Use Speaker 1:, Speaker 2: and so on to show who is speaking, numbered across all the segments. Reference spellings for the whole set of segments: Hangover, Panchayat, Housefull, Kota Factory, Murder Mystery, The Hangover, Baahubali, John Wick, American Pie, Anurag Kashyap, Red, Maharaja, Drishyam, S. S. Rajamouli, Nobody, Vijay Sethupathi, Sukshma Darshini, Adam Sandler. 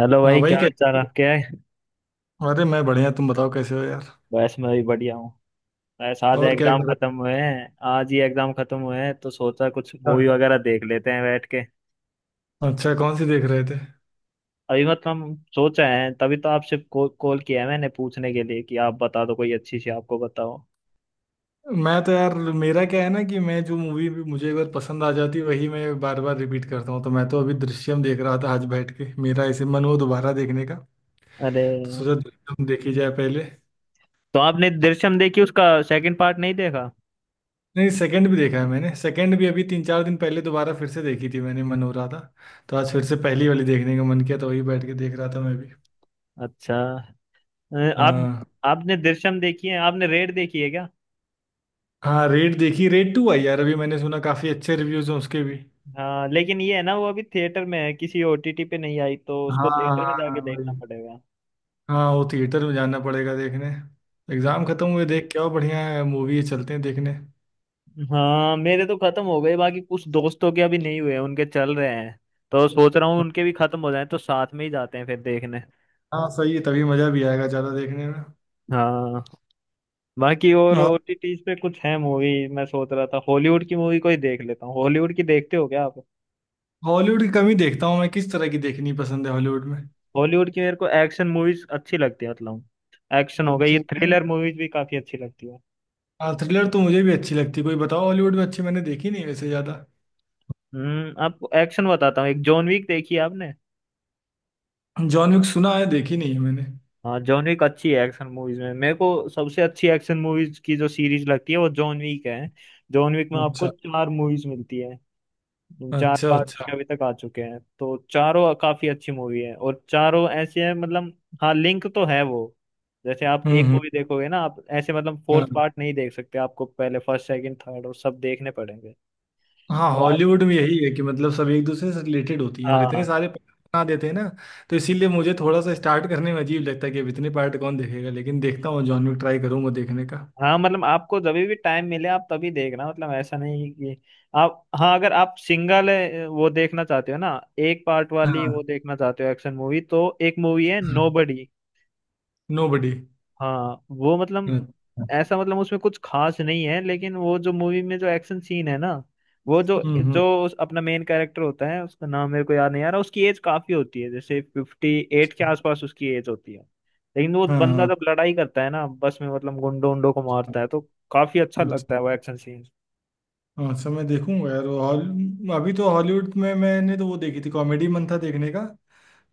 Speaker 1: Hello
Speaker 2: हाँ
Speaker 1: भाई,
Speaker 2: भाई,
Speaker 1: क्या हाल चाल
Speaker 2: कैसे।
Speaker 1: आपके है।
Speaker 2: अरे मैं बढ़िया, तुम बताओ कैसे हो यार।
Speaker 1: बस मैं भी बढ़िया हूँ। बस आज
Speaker 2: और क्या
Speaker 1: एग्जाम
Speaker 2: कर रहे
Speaker 1: खत्म हुए हैं, आज ही एग्जाम खत्म हुए हैं, तो सोचा कुछ
Speaker 2: थे।
Speaker 1: मूवी वगैरह देख लेते हैं बैठ के।
Speaker 2: अच्छा, कौन सी देख रहे थे।
Speaker 1: अभी मतलब हम सोच रहे हैं, तभी तो आपसे कॉल कॉल किया है मैंने पूछने के लिए कि आप बता दो कोई अच्छी सी, आपको बताओ।
Speaker 2: मैं तो यार, मेरा क्या है ना कि मैं जो मूवी मुझे एक बार पसंद आ जाती है वही मैं बार बार रिपीट करता हूँ। तो मैं तो अभी दृश्यम देख रहा था आज बैठ के, मेरा ऐसे मन हुआ दोबारा देखने का।
Speaker 1: अरे,
Speaker 2: तो सोचा दृश्यम देखी जाए पहले।
Speaker 1: तो आपने दृश्यम देखी, उसका सेकंड पार्ट नहीं देखा।
Speaker 2: नहीं, सेकंड भी देखा है मैंने। सेकंड भी अभी 3-4 दिन पहले दोबारा फिर से देखी थी मैंने, मन हो रहा था। तो आज फिर से पहली वाली देखने का मन किया तो वही बैठ के देख रहा था मैं भी।
Speaker 1: अच्छा। आप
Speaker 2: हाँ
Speaker 1: आपने दृश्यम देखी है, आपने रेड देखी है क्या।
Speaker 2: हाँ, रेड देखी। रेड टू आई यार, अभी मैंने सुना काफी अच्छे रिव्यूज हैं उसके भी।
Speaker 1: हाँ, लेकिन ये है ना, वो अभी थिएटर में है, किसी ओटीटी पे नहीं आई, तो उसको
Speaker 2: हाँ
Speaker 1: थिएटर में जाके
Speaker 2: हाँ, वही।
Speaker 1: देखना पड़ेगा।
Speaker 2: हाँ, वो थिएटर में जाना पड़ेगा देखने। एग्जाम खत्म हुए, देख के आओ, बढ़िया है मूवी है, चलते हैं देखने।
Speaker 1: हाँ, मेरे तो खत्म हो गए, बाकी कुछ दोस्तों के अभी नहीं हुए, उनके चल रहे हैं। तो सोच रहा हूँ उनके भी खत्म हो जाए तो साथ में ही जाते हैं फिर देखने।
Speaker 2: हाँ सही है, तभी मजा भी आएगा ज्यादा देखने में।
Speaker 1: हाँ। बाकी और
Speaker 2: और
Speaker 1: ओटीटीज पे कुछ है मूवी, मैं सोच रहा था हॉलीवुड की मूवी कोई देख लेता हूँ। हॉलीवुड की देखते हो क्या आप।
Speaker 2: हॉलीवुड की कमी देखता हूँ मैं। किस तरह की देखनी पसंद है हॉलीवुड में।
Speaker 1: हॉलीवुड की मेरे को एक्शन मूवीज अच्छी लगती है, मतलब एक्शन हो गई, ये
Speaker 2: अच्छा अच्छा।
Speaker 1: थ्रिलर मूवीज भी काफी अच्छी लगती है।
Speaker 2: हाँ, थ्रिलर तो मुझे भी अच्छी लगती। कोई बताओ हॉलीवुड में अच्छी, मैंने देखी नहीं वैसे ज्यादा।
Speaker 1: आपको एक्शन बताता हूँ। एक जॉन विक देखी है आपने।
Speaker 2: जॉन विक सुना है, देखी नहीं है मैंने।
Speaker 1: हाँ, जॉन विक अच्छी है, एक्शन मूवीज में मेरे को सबसे अच्छी एक्शन मूवीज की जो सीरीज लगती है वो जॉन विक है। जॉन विक में आपको
Speaker 2: अच्छा।
Speaker 1: चार मूवीज मिलती है। चार
Speaker 2: अच्छा
Speaker 1: पार्ट
Speaker 2: अच्छा।
Speaker 1: उसके अभी तक आ चुके हैं, तो चारों काफी अच्छी मूवी है, और चारों ऐसे हैं, मतलब हाँ, लिंक तो है वो। जैसे आप एक
Speaker 2: हम्म।
Speaker 1: मूवी देखोगे ना, आप ऐसे मतलब फोर्थ
Speaker 2: हाँ।
Speaker 1: पार्ट नहीं देख सकते, आपको पहले फर्स्ट, सेकंड, थर्ड और सब देखने पड़ेंगे।
Speaker 2: हाँ,
Speaker 1: तो आप,
Speaker 2: हॉलीवुड में यही है कि मतलब सब एक दूसरे से रिलेटेड होती हैं और इतने
Speaker 1: हाँ
Speaker 2: सारे पार्ट बना देते हैं ना। तो इसीलिए मुझे थोड़ा सा स्टार्ट करने में अजीब लगता है कि अब इतने पार्ट कौन देखेगा। लेकिन देखता हूँ, जॉन विक ट्राई करूंगा देखने का।
Speaker 1: हाँ, मतलब आपको जब भी टाइम मिले आप तभी देखना, मतलब ऐसा नहीं कि आप, हाँ, अगर आप सिंगल वो देखना चाहते हो ना, एक पार्ट वाली वो
Speaker 2: हाँ
Speaker 1: देखना चाहते हो एक्शन मूवी, तो एक मूवी है
Speaker 2: हाँ,
Speaker 1: नोबडी।
Speaker 2: नोबडी।
Speaker 1: हाँ वो मतलब
Speaker 2: अच्छा।
Speaker 1: ऐसा, मतलब उसमें कुछ खास नहीं है लेकिन वो जो मूवी में जो एक्शन सीन है ना, वो जो
Speaker 2: हम्म।
Speaker 1: जो उस- अपना मेन कैरेक्टर होता है, उसका नाम मेरे को याद नहीं आ रहा, उसकी एज काफी होती है, जैसे 58 के आसपास उसकी एज होती है। लेकिन वो बंदा
Speaker 2: हाँ।
Speaker 1: जब लड़ाई करता है ना बस में, मतलब गुंडों उंडों को मारता है, तो काफी अच्छा
Speaker 2: अच्छा
Speaker 1: लगता है वो एक्शन सीन।
Speaker 2: अच्छा, मैं देखूंगा यार वो हॉल। अभी तो हॉलीवुड में मैंने तो वो देखी थी कॉमेडी, मन था देखने का।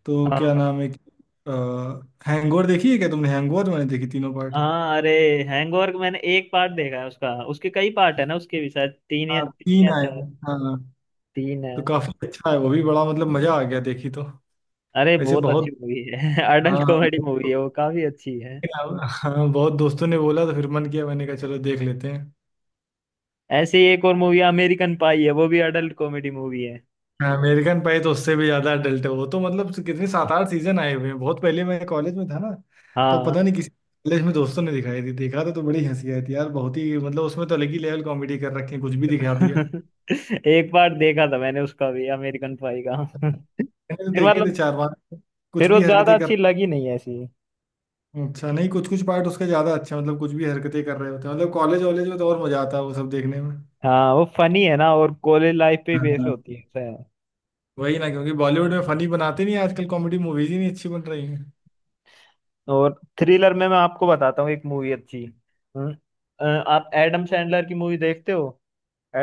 Speaker 2: तो क्या
Speaker 1: हाँ।
Speaker 2: नाम है कि, हैंगओवर देखी है क्या तुमने? हैंगओवर मैंने देखी तीनों पार्ट।
Speaker 1: हाँ, अरे हैंगओवर मैंने एक पार्ट देखा है उसका, उसके कई पार्ट है ना, उसके भी शायद तीन या
Speaker 2: हाँ
Speaker 1: तीन
Speaker 2: तीन
Speaker 1: या
Speaker 2: आए
Speaker 1: चार।
Speaker 2: हैं, हाँ।
Speaker 1: तीन है।
Speaker 2: तो काफी अच्छा है वो भी, बड़ा मतलब मजा आ गया देखी तो।
Speaker 1: अरे
Speaker 2: ऐसे
Speaker 1: बहुत अच्छी
Speaker 2: बहुत।
Speaker 1: मूवी है अडल्ट
Speaker 2: हाँ
Speaker 1: कॉमेडी मूवी है, वो काफी अच्छी है।
Speaker 2: हाँ बहुत दोस्तों ने बोला तो फिर मन किया, मैंने कहा चलो देख लेते हैं।
Speaker 1: ऐसे ही एक और मूवी अमेरिकन पाई है, वो भी अडल्ट कॉमेडी मूवी है।
Speaker 2: हाँ, अमेरिकन पाई तो उससे भी ज्यादा अडल्ट है वो तो। मतलब कितने सात आठ सीजन आए हुए हैं, बहुत पहले मैं कॉलेज में था ना। तब
Speaker 1: हाँ
Speaker 2: पता नहीं किसी कॉलेज में दोस्तों ने दिखाई थी, देखा था तो बड़ी हंसी आई थी यार बहुत ही। मतलब उसमें तो अलग ही लेवल कॉमेडी कर रखी है, कुछ भी दिखा दिया है।
Speaker 1: एक बार देखा था मैंने उसका भी, अमेरिकन पाई का
Speaker 2: मैंने तो
Speaker 1: फिर
Speaker 2: देखे
Speaker 1: मतलब
Speaker 2: थे चार पांच। कुछ
Speaker 1: फिर वो
Speaker 2: भी
Speaker 1: ज्यादा
Speaker 2: हरकतें कर।
Speaker 1: अच्छी लगी नहीं ऐसी।
Speaker 2: अच्छा, नहीं कुछ कुछ पार्ट उसके ज्यादा अच्छे हैं, मतलब कुछ भी हरकतें कर रहे होते हैं, मतलब कॉलेज वॉलेज में तो और मजा आता है वो सब देखने में।
Speaker 1: हाँ, वो फनी है ना, और कॉलेज लाइफ पे बेस्ड
Speaker 2: हाँ।
Speaker 1: होती है, ऐसा है।
Speaker 2: वही ना, क्योंकि बॉलीवुड में फनी बनाते नहीं आजकल, कॉमेडी मूवीज ही नहीं अच्छी बन रही हैं।
Speaker 1: और थ्रिलर में मैं आपको बताता हूँ एक मूवी अच्छी। हम्म, आप एडम सैंडलर की मूवी देखते हो।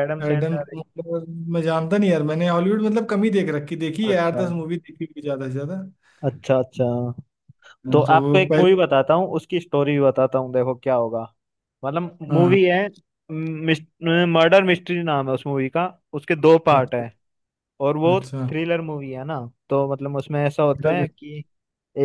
Speaker 1: Adam
Speaker 2: Adam
Speaker 1: Sandler.
Speaker 2: मतलब। मैं जानता नहीं यार, मैंने हॉलीवुड मतलब कम ही देख रखी देखी है, आठ
Speaker 1: अच्छा
Speaker 2: दस मूवी देखी हुई ज्यादा से ज्यादा।
Speaker 1: अच्छा। अच्छा, तो
Speaker 2: हाँ। तो
Speaker 1: आपको
Speaker 2: वो
Speaker 1: एक मूवी
Speaker 2: पहले।
Speaker 1: बताता हूँ, उसकी स्टोरी भी बताता हूँ, देखो क्या होगा। मतलब
Speaker 2: हाँ।
Speaker 1: मूवी है, मर्डर मिस्ट्री नाम है उस मूवी का। उसके दो पार्ट है।
Speaker 2: अच्छा
Speaker 1: और वो
Speaker 2: अच्छा।
Speaker 1: थ्रिलर मूवी है ना। तो मतलब उसमें ऐसा होता है कि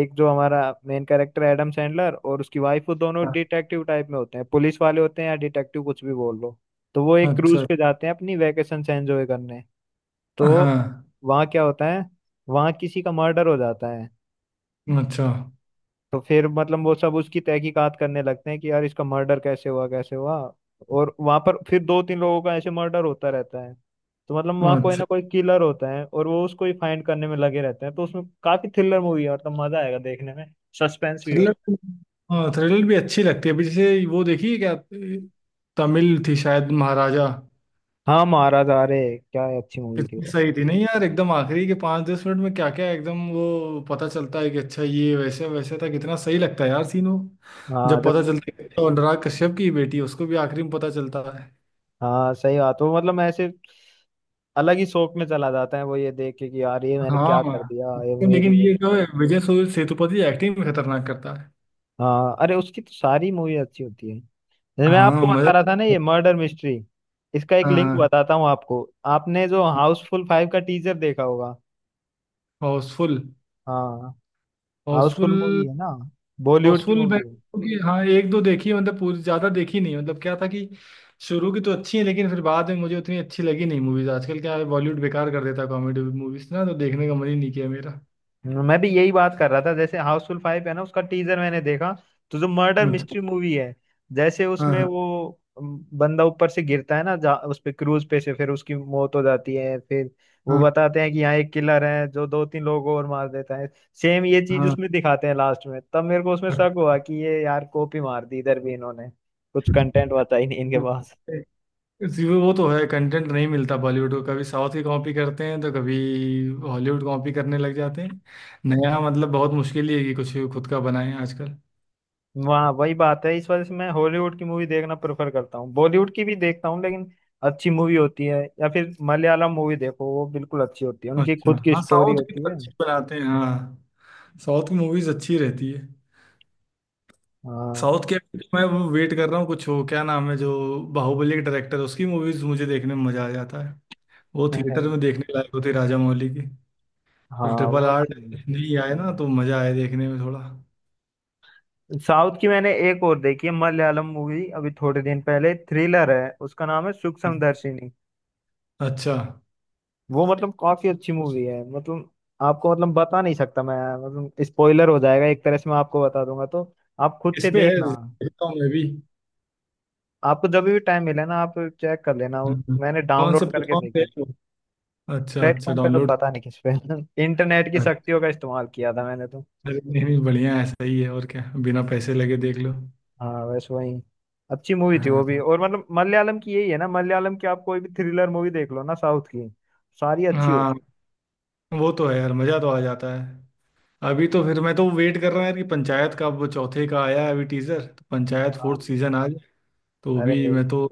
Speaker 1: एक जो हमारा मेन कैरेक्टर एडम सैंडलर और उसकी वाइफ, वो दोनों डिटेक्टिव टाइप में होते हैं, पुलिस वाले होते हैं या डिटेक्टिव कुछ भी बोल लो। तो वो एक क्रूज
Speaker 2: अच्छा।
Speaker 1: पे जाते हैं अपनी वैकेशन से एंजॉय करने। तो
Speaker 2: हाँ।
Speaker 1: वहाँ क्या होता है, वहाँ किसी का मर्डर हो जाता है।
Speaker 2: अच्छा
Speaker 1: तो फिर मतलब वो सब उसकी तहकीकात करने लगते हैं कि यार इसका मर्डर कैसे हुआ, कैसे हुआ। और वहां पर फिर दो तीन लोगों का ऐसे मर्डर होता रहता है। तो मतलब वहां कोई
Speaker 2: अच्छा।
Speaker 1: ना कोई किलर होता है और वो उसको ही फाइंड करने में लगे रहते हैं, तो उसमें काफी थ्रिलर मूवी है, मतलब मजा आएगा देखने में। सस्पेंस भी हो।
Speaker 2: थ्रिलर। हाँ, थ्रिलर भी अच्छी लगती है। अभी जैसे वो देखी है क्या, तमिल थी शायद, महाराजा।
Speaker 1: हाँ, महाराज, अरे क्या ही अच्छी मूवी थी
Speaker 2: कितनी
Speaker 1: वो।
Speaker 2: सही थी, नहीं यार एकदम आखिरी के 5-10 मिनट में क्या क्या एकदम वो पता चलता है कि अच्छा ये वैसे वैसे था, कितना सही लगता है यार सीन वो।
Speaker 1: हाँ
Speaker 2: जब
Speaker 1: जब,
Speaker 2: पता चलता है कि वो अनुराग कश्यप की बेटी है, उसको भी आखिरी में पता चलता है।
Speaker 1: हाँ, सही बात, वो मतलब ऐसे अलग ही शौक में चला जाता है वो, ये देख के कि यार ये मैंने
Speaker 2: हाँ
Speaker 1: क्या कर दिया, ये
Speaker 2: उसको। लेकिन
Speaker 1: मेरी।
Speaker 2: ये जो है विजय सूर्य सेतुपति, एक्टिंग भी खतरनाक करता है।
Speaker 1: हाँ, अरे उसकी तो सारी मूवी अच्छी होती है। जैसे मैं
Speaker 2: हाँ
Speaker 1: आपको
Speaker 2: मजा।
Speaker 1: बता रहा था ना ये मर्डर मिस्ट्री, इसका एक लिंक
Speaker 2: हाँ,
Speaker 1: बताता हूँ आपको। आपने जो हाउसफुल फाइव का टीजर देखा होगा।
Speaker 2: हाउसफुल।
Speaker 1: हाँ,
Speaker 2: हाउसफुल।
Speaker 1: हाउसफुल मूवी है ना, बॉलीवुड की
Speaker 2: हाउसफुल मैं
Speaker 1: मूवी है।
Speaker 2: क्योंकि हाँ एक दो देखी है, मतलब पूरी ज्यादा देखी नहीं, मतलब क्या था कि शुरू की तो अच्छी है लेकिन फिर बाद में मुझे उतनी अच्छी लगी नहीं मूवीज आजकल, क्या है बॉलीवुड बेकार कर देता है कॉमेडी मूवीज, ना तो देखने का मन ही नहीं किया मेरा।
Speaker 1: मैं भी यही बात कर रहा था, जैसे हाउसफुल फाइव है ना, उसका टीजर मैंने देखा, तो जो मर्डर
Speaker 2: अच्छा।
Speaker 1: मिस्ट्री मूवी है, जैसे
Speaker 2: हाँ।
Speaker 1: उसमें
Speaker 2: हाँ।
Speaker 1: वो बंदा ऊपर से गिरता है ना, उस पे क्रूज पे से, फिर उसकी मौत हो जाती है, फिर वो
Speaker 2: हाँ।
Speaker 1: बताते हैं कि यहाँ एक किलर है जो दो तीन लोगों और मार देता है। सेम ये चीज
Speaker 2: हाँ।
Speaker 1: उसमें दिखाते हैं लास्ट में, तब मेरे को उसमें शक हुआ कि ये यार कॉपी मार दी इधर भी इन्होंने, कुछ कंटेंट बचा ही नहीं इनके
Speaker 2: हाँ।
Speaker 1: पास।
Speaker 2: जी, वो तो है, कंटेंट नहीं मिलता बॉलीवुड को, कभी साउथ की कॉपी करते हैं तो कभी हॉलीवुड कॉपी करने लग जाते हैं। नया मतलब बहुत मुश्किल ही है कि कुछ खुद का बनाएं आजकल।
Speaker 1: वहाँ वही बात है, इस वजह से मैं हॉलीवुड की मूवी देखना प्रेफर करता हूँ, बॉलीवुड की भी देखता हूँ लेकिन अच्छी मूवी होती है, या फिर मलयालम मूवी देखो, वो बिल्कुल अच्छी होती है, उनकी
Speaker 2: अच्छा
Speaker 1: खुद की
Speaker 2: हाँ,
Speaker 1: स्टोरी
Speaker 2: साउथ की
Speaker 1: होती
Speaker 2: तो
Speaker 1: है।
Speaker 2: अच्छी बनाते हैं हाँ। साउथ की मूवीज अच्छी रहती है।
Speaker 1: हाँ।
Speaker 2: साउथ के, मैं वो वेट कर रहा हूँ कुछ हो क्या नाम है जो बाहुबली के डायरेक्टर, उसकी मूवीज मुझे देखने में मजा आ जाता है। वो
Speaker 1: है।
Speaker 2: थिएटर में देखने लायक होती है राजा मौली की।
Speaker 1: हाँ,
Speaker 2: तो ट्रिपल
Speaker 1: वो
Speaker 2: आर
Speaker 1: अच्छी मूवी।
Speaker 2: नहीं आए ना तो मजा आए देखने में थोड़ा।
Speaker 1: साउथ की मैंने एक और देखी है मलयालम मूवी, अभी थोड़े दिन पहले, थ्रिलर है, उसका नाम है सूक्ष्म दर्शिनी।
Speaker 2: अच्छा,
Speaker 1: वो मतलब काफी अच्छी मूवी है, मतलब आपको मतलब बता नहीं सकता मैं, मतलब स्पॉइलर हो जाएगा एक तरह से, मैं आपको बता दूंगा तो। आप खुद
Speaker 2: इस
Speaker 1: से
Speaker 2: पे है
Speaker 1: देखना,
Speaker 2: देखता हूँ मैं भी।
Speaker 1: आपको जब भी टाइम मिले ना, आप चेक कर लेना। वो
Speaker 2: हम्म।
Speaker 1: मैंने
Speaker 2: कौन से
Speaker 1: डाउनलोड करके
Speaker 2: प्लेटफॉर्म पे है
Speaker 1: देखी थी,
Speaker 2: वो? अच्छा अच्छा,
Speaker 1: प्लेटफॉर्म पे तो
Speaker 2: डाउनलोड।
Speaker 1: पता नहीं किस पे इंटरनेट की
Speaker 2: अरे
Speaker 1: शक्तियों का इस्तेमाल किया था मैंने तो।
Speaker 2: नहीं नहीं, बढ़िया है सही है और क्या, बिना पैसे लगे देख लो।
Speaker 1: हाँ वैसे वही अच्छी मूवी थी वो
Speaker 2: हाँ
Speaker 1: भी,
Speaker 2: हाँ
Speaker 1: और मतलब मलयालम की यही है ना, मलयालम की आप कोई भी थ्रिलर मूवी देख लो ना साउथ की, सारी अच्छी
Speaker 2: हाँ,
Speaker 1: होती
Speaker 2: वो तो है यार, मजा तो आ जाता है। अभी तो फिर मैं तो वेट कर रहा हूँ यार कि पंचायत का अब चौथे का आया है अभी टीजर, तो पंचायत
Speaker 1: है। हाँ,
Speaker 2: फोर्थ सीजन आ जाए। तो अभी
Speaker 1: अरे
Speaker 2: मैं तो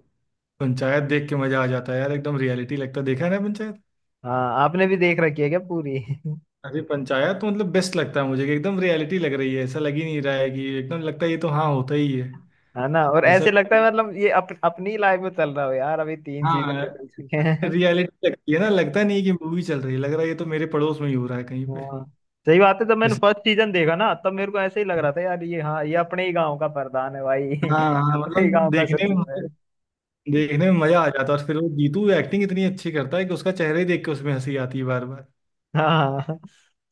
Speaker 2: पंचायत देख के मजा आ जाता है यार, एकदम रियलिटी लगता है, देखा है ना पंचायत।
Speaker 1: हाँ, आपने भी देख रखी है क्या पूरी
Speaker 2: अरे पंचायत तो मतलब बेस्ट लगता है मुझे कि एकदम रियलिटी लग रही है, ऐसा लग ही नहीं रहा है कि एकदम, लगता है ये तो हाँ होता ही है
Speaker 1: है ना, और
Speaker 2: ऐसा।
Speaker 1: ऐसे लगता है मतलब ये अपनी लाइफ में चल रहा हो यार, अभी तीन चीजें
Speaker 2: हाँ,
Speaker 1: निकल चुके हैं।
Speaker 2: रियलिटी लगती है ना, लगता नहीं है कि मूवी चल रही है, लग रहा है ये तो मेरे पड़ोस में ही हो रहा है कहीं पे।
Speaker 1: हाँ, सही बात है, जब मैंने
Speaker 2: जैसे-
Speaker 1: फर्स्ट सीजन देखा ना तब मेरे को ऐसे ही लग रहा था, यार ये, हाँ, ये अपने ही गांव का प्रधान है भाई
Speaker 2: हाँ
Speaker 1: ये
Speaker 2: हाँ,
Speaker 1: अपने ही
Speaker 2: मतलब
Speaker 1: गांव का
Speaker 2: देखने में।
Speaker 1: सचिव है।
Speaker 2: देखने में मजा आ जाता है और फिर वो जीतू, एक्टिंग इतनी अच्छी करता है कि उसका चेहरा ही देख के उसमें हंसी आती है बार बार।
Speaker 1: हाँ,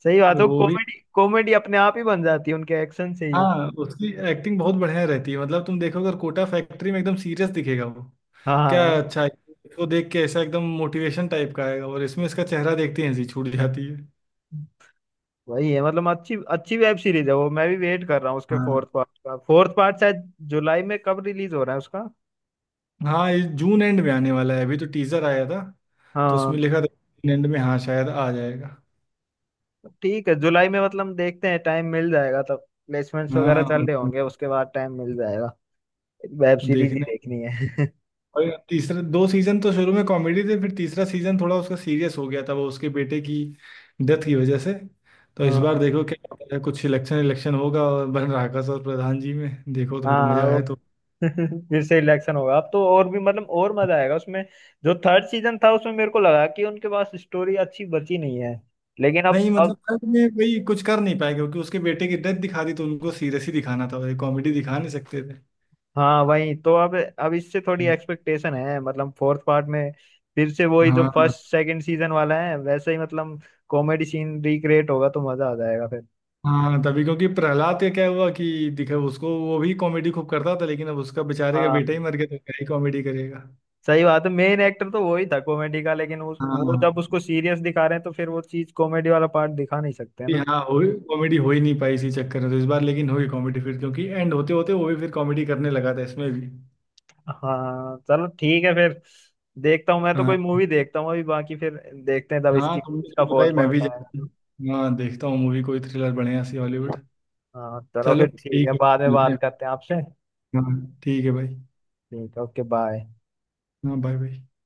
Speaker 1: सही बात
Speaker 2: तो
Speaker 1: है,
Speaker 2: वो भी।
Speaker 1: कॉमेडी कॉमेडी अपने आप ही बन जाती है उनके एक्शन से ही।
Speaker 2: हाँ, उसकी एक्टिंग बहुत बढ़िया रहती है, मतलब तुम देखोगे और कोटा फैक्ट्री में एकदम सीरियस दिखेगा वो, क्या
Speaker 1: हाँ,
Speaker 2: अच्छा है। उसको देख के ऐसा एकदम मोटिवेशन टाइप का आएगा, और इसमें इसका चेहरा देखते ही हंसी छूट जाती है।
Speaker 1: वही है, मतलब अच्छी अच्छी वेब सीरीज है वो। मैं भी वेट कर रहा हूँ उसके
Speaker 2: हाँ।
Speaker 1: फोर्थ पार्ट का, फोर्थ पार्ट शायद जुलाई में कब रिलीज हो रहा है उसका।
Speaker 2: हाँ, ये जून एंड में आने वाला है, अभी तो टीजर आया था। तो
Speaker 1: हाँ,
Speaker 2: उसमें लिखा था जून एंड में, हाँ शायद आ जाएगा।
Speaker 1: ठीक है जुलाई में, मतलब देखते हैं, टाइम मिल जाएगा तब। प्लेसमेंट्स वगैरह चल
Speaker 2: हाँ
Speaker 1: रहे होंगे, उसके बाद टाइम मिल जाएगा, वेब सीरीज ही
Speaker 2: देखने।
Speaker 1: देखनी है
Speaker 2: और तीसरा, दो सीजन तो शुरू में कॉमेडी थे, फिर तीसरा सीजन थोड़ा उसका सीरियस हो गया था वो उसके बेटे की डेथ की वजह से। तो इस बार
Speaker 1: हाँ
Speaker 2: देखो क्या होता है, कुछ इलेक्शन इलेक्शन होगा और बन राकस और प्रधान जी में, देखो तो फिर
Speaker 1: हाँ,
Speaker 2: मजा
Speaker 1: वो
Speaker 2: आए तो।
Speaker 1: फिर से इलेक्शन होगा अब तो, और भी मतलब और मजा आएगा उसमें। जो थर्ड सीजन था, उसमें मेरे को लगा कि उनके पास स्टोरी अच्छी बची नहीं है, लेकिन अब
Speaker 2: नहीं
Speaker 1: अब
Speaker 2: मतलब थर्ड में भाई कुछ कर नहीं पाए, क्योंकि उसके बेटे की डेथ दिखा दी, तो उनको सीरियस ही दिखाना था, कॉमेडी दिखा नहीं सकते थे।
Speaker 1: हाँ, वही तो, अब इससे थोड़ी एक्सपेक्टेशन है मतलब फोर्थ पार्ट में, फिर से वही जो
Speaker 2: हाँ
Speaker 1: फर्स्ट सेकंड सीजन वाला है वैसे ही, मतलब कॉमेडी सीन रिक्रिएट होगा तो मजा आ जाएगा फिर।
Speaker 2: हाँ तभी, क्योंकि प्रहलाद का क्या हुआ कि दिखा उसको, वो भी कॉमेडी खूब करता था, लेकिन अब उसका बेचारे का
Speaker 1: हाँ,
Speaker 2: बेटा ही मर गया तो क्या ही कॉमेडी करेगा।
Speaker 1: सही बात है, मेन एक्टर तो वही था कॉमेडी का, लेकिन उस वो
Speaker 2: हाँ
Speaker 1: जब उसको सीरियस दिखा रहे हैं तो फिर वो चीज कॉमेडी वाला पार्ट दिखा नहीं सकते ना।
Speaker 2: यहाँ हो, कॉमेडी हो ही नहीं पाई इसी चक्कर में, तो इस बार लेकिन होगी कॉमेडी फिर, क्योंकि एंड होते होते वो भी फिर कॉमेडी करने लगा था इसमें भी।
Speaker 1: हाँ चलो ठीक है फिर। देखता हूँ मैं तो कोई
Speaker 2: हाँ
Speaker 1: मूवी देखता हूँ अभी बाकी, फिर देखते हैं तब
Speaker 2: हाँ,
Speaker 1: इसकी
Speaker 2: तुमने
Speaker 1: इसका
Speaker 2: तो बताई,
Speaker 1: फोर्थ
Speaker 2: मैं भी
Speaker 1: पार्ट
Speaker 2: जाती
Speaker 1: आएगा।
Speaker 2: हूँ। हाँ देखता हूँ मूवी कोई थ्रिलर बढ़िया सी हॉलीवुड।
Speaker 1: हाँ चलो
Speaker 2: चलो
Speaker 1: फिर ठीक है,
Speaker 2: ठीक है,
Speaker 1: बाद में
Speaker 2: मिलते
Speaker 1: बात
Speaker 2: हैं।
Speaker 1: करते हैं आपसे।
Speaker 2: हाँ ठीक है भाई।
Speaker 1: ठीक है, ओके बाय।
Speaker 2: हाँ बाय बाय।